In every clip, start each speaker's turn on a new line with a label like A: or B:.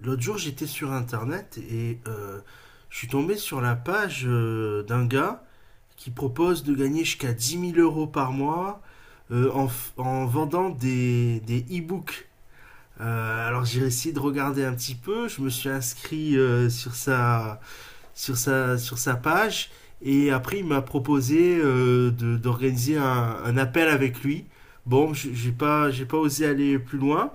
A: L'autre jour, j'étais sur internet et je suis tombé sur la page d'un gars qui propose de gagner jusqu'à dix mille euros par mois en, en vendant des e-books. Alors j'ai essayé de regarder un petit peu, je me suis inscrit sur sa page et après il m'a proposé d'organiser un appel avec lui. Bon, j'ai pas osé aller plus loin.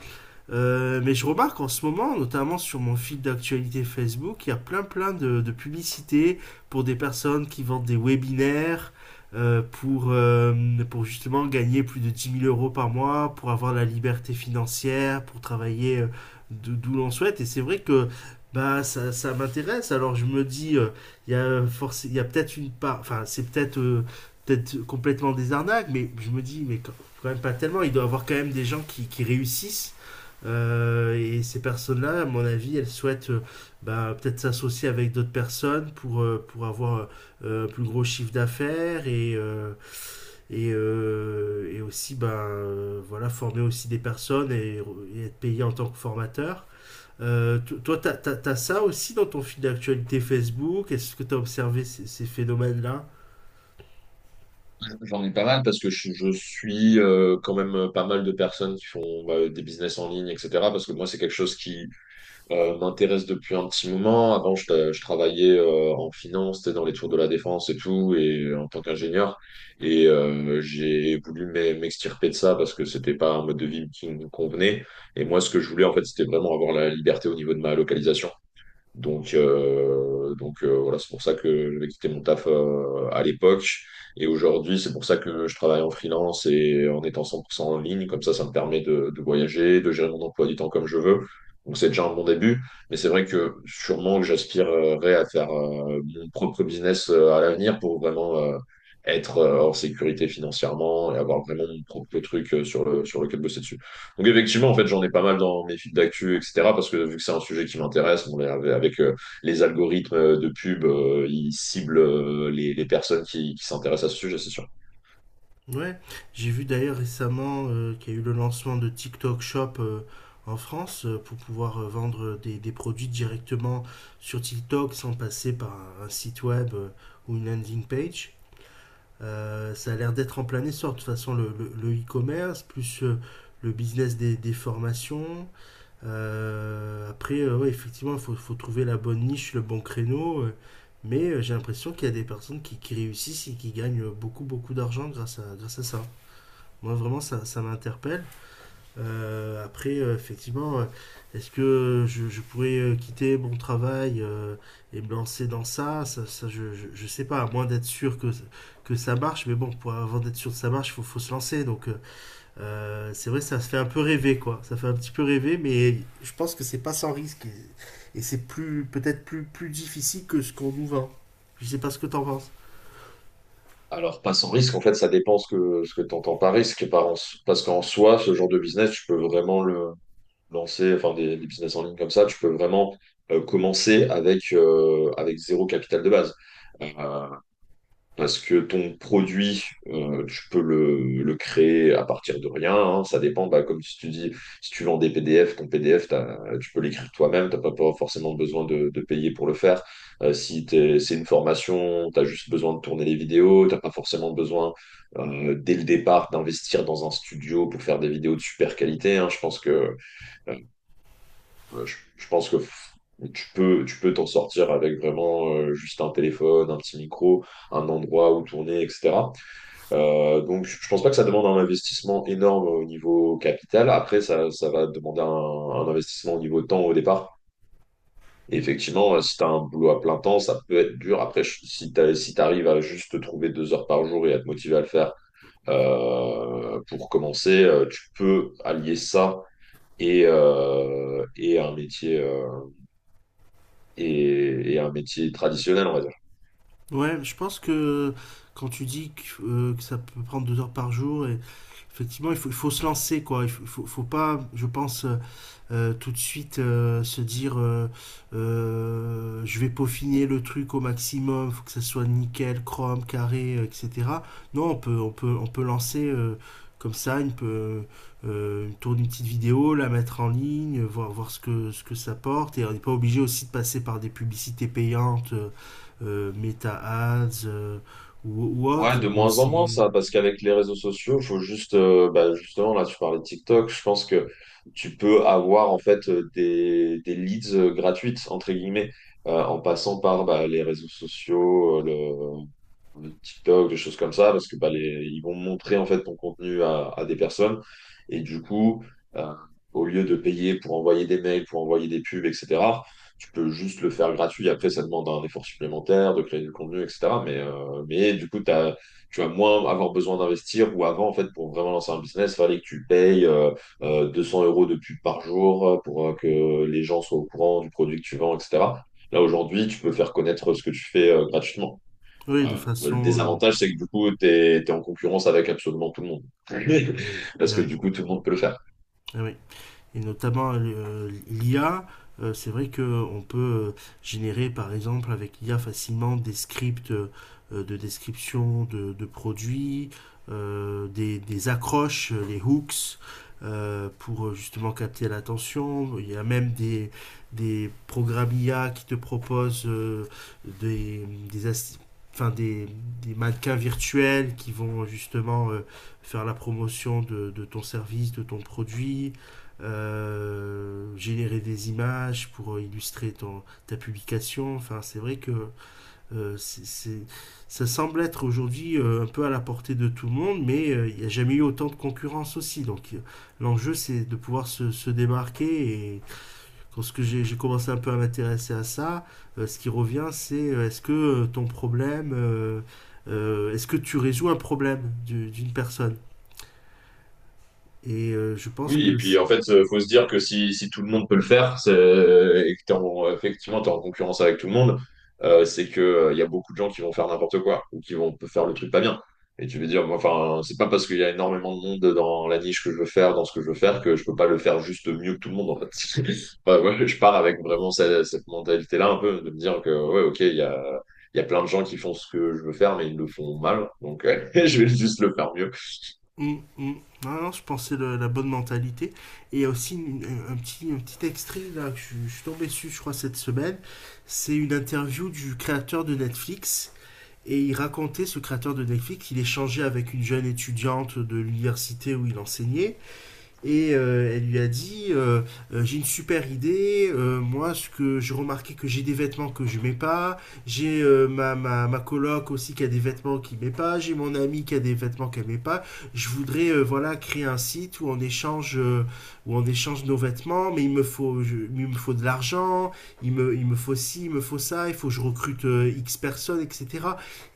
A: Mais je remarque en ce moment, notamment sur mon fil d'actualité Facebook, il y a plein plein de publicités pour des personnes qui vendent des webinaires euh, pour, euh, pour justement gagner plus de 10 000 euros par mois, pour avoir la liberté financière, pour travailler d'où l'on souhaite. Et c'est vrai que bah, ça m'intéresse. Alors je me dis, il y a peut-être une part, enfin c'est peut-être complètement des arnaques, mais je me dis, mais quand même pas tellement, il doit y avoir quand même des gens qui réussissent et ces personnes-là, à mon avis, elles souhaitent bah, peut-être s'associer avec d'autres personnes pour avoir un plus gros chiffre d'affaires et aussi voilà, former aussi des personnes et être payé en tant que formateur. To- toi, tu as, ça aussi dans ton fil d'actualité Facebook? Est-ce que tu as observé ces phénomènes-là?
B: J'en ai pas mal parce que je suis quand même pas mal de personnes qui font bah, des business en ligne, etc. Parce que moi, c'est quelque chose qui m'intéresse depuis un petit moment. Avant, je travaillais en finance, t'sais, dans les tours de la défense et tout, et en tant qu'ingénieur. Et j'ai voulu m'extirper de ça parce que c'était pas un mode de vie qui me convenait. Et moi, ce que je voulais, en fait, c'était vraiment avoir la liberté au niveau de ma localisation. Voilà, c'est pour ça que j'avais quitté mon taf à l'époque. Et aujourd'hui, c'est pour ça que je travaille en freelance et en étant 100% en ligne. Comme ça me permet de voyager, de gérer mon emploi du temps comme je veux. Donc, c'est déjà un bon début. Mais c'est vrai que sûrement que j'aspirerais à faire mon propre business à l'avenir pour vraiment être en sécurité financièrement et avoir vraiment mon propre truc sur sur lequel bosser dessus. Donc effectivement, en fait, j'en ai pas mal dans mes fils d'actu, etc. Parce que vu que c'est un sujet qui m'intéresse, bon, avec, les algorithmes de pub, ils ciblent les personnes qui s'intéressent à ce sujet, c'est sûr.
A: Ouais, j'ai vu d'ailleurs récemment qu'il y a eu le lancement de TikTok Shop en France pour pouvoir vendre des produits directement sur TikTok sans passer par un site web ou une landing page. Ça a l'air d'être en plein essor. De toute façon, le e-commerce, plus le business des formations. Ouais, effectivement, faut trouver la bonne niche, le bon créneau. J'ai l'impression qu'il y a des personnes qui réussissent et qui gagnent beaucoup, beaucoup d'argent grâce à ça. Moi, vraiment, ça m'interpelle. Euh, après, euh, effectivement, euh, Est-ce que je pourrais quitter mon travail et me lancer dans ça? Je sais pas, à moins d'être sûr que ça marche. Mais bon, avant d'être sûr que ça marche, faut se lancer. C'est vrai, ça se fait un peu rêver, quoi. Ça fait un petit peu rêver, mais je pense que c'est pas sans risque. Et c'est plus peut-être plus difficile que ce qu'on nous vend. Je sais pas ce que t'en penses.
B: Alors, pas sans risque, en fait, ça dépend ce que tu entends par risque. Parce qu'en soi, ce genre de business, tu peux vraiment le lancer, enfin, des business en ligne comme ça, tu peux vraiment commencer avec zéro capital de base. Euh, Parce que ton produit, tu peux le créer à partir de rien, hein. Ça dépend, bah, comme si tu dis, si tu vends des PDF, ton PDF, tu peux l'écrire toi-même. Tu n'as pas pas forcément besoin de payer pour le faire. Si c'est une formation, tu as juste besoin de tourner les vidéos. Tu n'as pas forcément besoin, dès le départ, d'investir dans un studio pour faire des vidéos de super qualité, hein. Je pense que Ouais, je pense que f- Tu peux, tu peux t'en sortir avec vraiment juste un téléphone, un petit micro, un endroit où tourner, etc. Donc je pense pas que ça demande un investissement énorme au niveau capital. Après, ça va demander un investissement au niveau temps au départ. Et effectivement, si tu as un boulot à plein temps, ça peut être dur. Si tu si t'arrives à juste te trouver deux heures par jour et à te motiver à le faire pour commencer, tu peux allier ça et un métier, et un métier traditionnel, on va dire.
A: Ouais, je pense que quand tu dis que ça peut prendre deux heures par jour, et effectivement, il faut se lancer, quoi. Faut pas, je pense, tout de suite se dire je vais peaufiner le truc au maximum, faut que ça soit nickel, chrome, carré, etc. Non, on peut lancer comme ça, tourner une petite vidéo, la mettre en ligne, voir ce que ça porte. Et on n'est pas obligé aussi de passer par des publicités payantes, Meta Ads ou autre.
B: Ouais,
A: On
B: de
A: peut
B: moins en
A: aussi.
B: moins ça, parce qu'avec les réseaux sociaux, faut juste, bah, justement, là, tu parlais de TikTok, je pense que tu peux avoir en fait des leads gratuites, entre guillemets, en passant par bah, les réseaux sociaux, de TikTok, des choses comme ça, parce que bah, ils vont montrer en fait ton contenu à des personnes. Et du coup, euh, au lieu de payer pour envoyer des mails, pour envoyer des pubs, etc., tu peux juste le faire gratuit. Après, ça demande un effort supplémentaire de créer du contenu, etc. Mais du coup, tu vas moins avoir besoin d'investir. Ou avant, en fait, pour vraiment lancer un business, il fallait que tu payes 200 euros de pub par jour pour que les gens soient au courant du produit que tu vends, etc. Là, aujourd'hui, tu peux faire connaître ce que tu fais gratuitement.
A: Oui, de
B: Le
A: façon.
B: désavantage, c'est que du coup, tu es en concurrence avec absolument tout le monde.
A: Eh oui,
B: Parce
A: eh
B: que
A: oui,
B: du coup, tout le monde peut le faire.
A: eh oui. Et notamment l'IA, c'est vrai qu'on peut générer par exemple avec l'IA facilement des scripts de description de produits, des accroches, les hooks, pour justement capter l'attention. Il y a même des programmes IA qui te proposent des, des, assi- enfin, des mannequins virtuels qui vont justement faire la promotion de ton service, de ton produit générer des images pour illustrer ton, ta publication. Enfin, c'est vrai que euh, c'est- c'est- ça semble être aujourd'hui un peu à la portée de tout le monde, mais il n'y a jamais eu autant de concurrence aussi. L'enjeu, c'est de pouvoir se démarquer. Et lorsque j'ai commencé un peu à m'intéresser à ça, ce qui revient, c'est est-ce que est-ce que tu résous un problème d'une personne? Je pense
B: Oui,
A: que...
B: et puis en fait, faut se dire que si, si tout le monde peut le faire, et que effectivement, tu es en concurrence avec tout le monde, c'est que y a beaucoup de gens qui vont faire n'importe quoi ou qui vont faire le truc pas bien. Et tu veux dire, moi, enfin, c'est pas parce qu'il y a énormément de monde dans la niche que je veux faire, dans ce que je veux faire, que je peux pas le faire juste mieux que tout le monde, en fait. Enfin, ouais, je pars avec vraiment cette mentalité-là, un peu, de me dire que, ouais, ok, il y a plein de gens qui font ce que je veux faire, mais ils le font mal, donc je vais juste le faire mieux.
A: Mm, mm. Non, non, je pensais la bonne mentalité. Et il y a aussi un petit extrait là, que je suis tombé dessus, je crois, cette semaine. C'est une interview du créateur de Netflix. Et il racontait, ce créateur de Netflix, qu'il échangeait avec une jeune étudiante de l'université où il enseignait et elle lui a dit j'ai une super idée. Moi, ce que j'ai remarqué, que j'ai des vêtements que je mets pas, j'ai ma coloc aussi qui a des vêtements qu'il met pas, j'ai mon ami qui a des vêtements qu'elle met pas. Je voudrais voilà, créer un site où on échange nos vêtements, mais il me faut... il me faut de l'argent, il me faut ci, il me faut ça, il faut que je recrute x personnes, etc.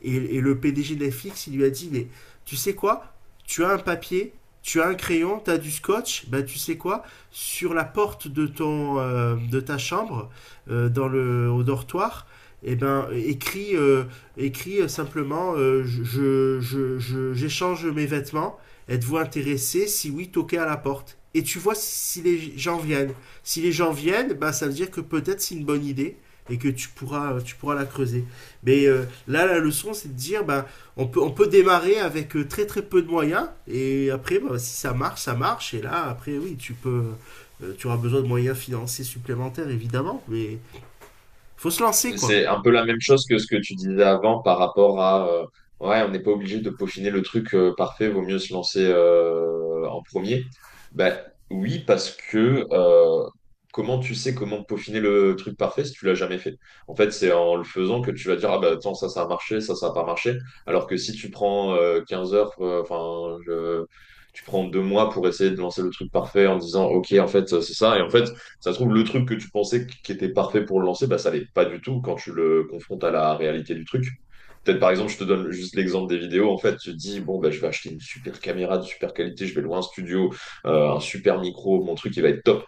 A: et, le PDG de Netflix, il lui a dit, mais tu sais quoi, tu as un papier, tu as un crayon, tu as du scotch, ben tu sais quoi, sur la porte de ton de ta chambre, dans le, au dortoir, eh ben écris simplement j'échange mes vêtements. Êtes-vous intéressé? Si oui, toquez à la porte. Et tu vois si les gens viennent. Si les gens viennent, ben ça veut dire que peut-être c'est une bonne idée et que tu pourras la creuser. Mais là, la leçon, c'est de dire, ben on peut démarrer avec très très peu de moyens, et après bah, si ça marche, ça marche, et là après oui, tu peux... tu auras besoin de moyens financiers supplémentaires, évidemment, mais faut se lancer quoi.
B: C'est un peu la même chose que ce que tu disais avant par rapport à ouais, on n'est pas obligé de peaufiner le truc parfait, vaut mieux se lancer en premier. Ben oui, parce que comment tu sais comment peaufiner le truc parfait si tu l'as jamais fait? En fait, c'est en le faisant que tu vas dire ah bah attends, ça a marché, ça a pas marché. Alors que si tu prends 15 heures, tu prends deux mois pour essayer de lancer le truc parfait en disant ok en fait c'est ça et en fait ça se trouve, le truc que tu pensais qui était parfait pour le lancer, bah, ça l'est pas du tout quand tu le confrontes à la réalité du truc. Peut-être, par exemple, je te donne juste l'exemple des vidéos. En fait, tu te dis, bon, bah, je vais acheter une super caméra de super qualité, je vais louer un studio, un super micro, mon truc, il va être top.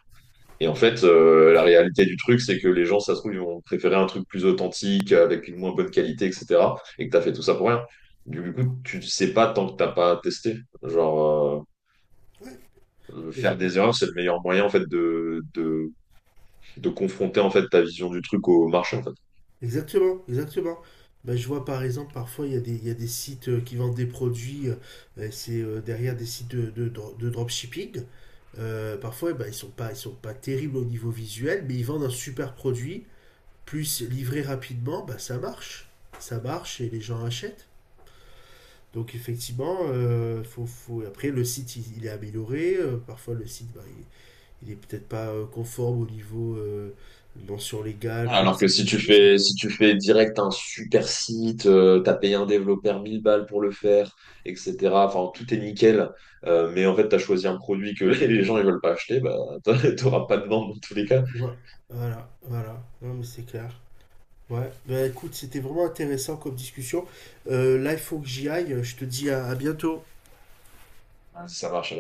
B: Et en fait, la réalité du truc, c'est que les gens, ça se trouve, ils vont préférer un truc plus authentique, avec une moins bonne qualité, etc. Et que tu as fait tout ça pour rien. Du coup, tu ne sais pas tant que tu n'as pas testé. Genre,
A: Ouais. Ex-
B: faire des erreurs, c'est le meilleur moyen, en fait, de confronter en fait ta vision du truc au marché en fait.
A: Exactement, exactement. Bah, je vois par exemple, parfois il y a il y a des sites qui vendent des produits et c'est derrière des sites de dropshipping. Parfois eh ben, ils sont pas terribles au niveau visuel, mais ils vendent un super produit, plus livré rapidement, bah ça marche et les gens achètent. Donc effectivement, faut... après le site il est amélioré, parfois le site bah, il est peut-être pas conforme au niveau mention légale,
B: Alors que
A: politique cookies.
B: si tu fais direct un super site, t'as payé un développeur 1000 balles pour le faire, etc. Enfin, tout est nickel. Mais en fait, t'as choisi un produit que les gens ils veulent pas acheter, bah, t'auras pas de vente dans tous les cas.
A: Ouais, voilà, voilà, non mais c'est clair. Ouais, bah écoute, c'était vraiment intéressant comme discussion. Là il faut que j'y aille, je te dis à bientôt.
B: Ouais, ça marche.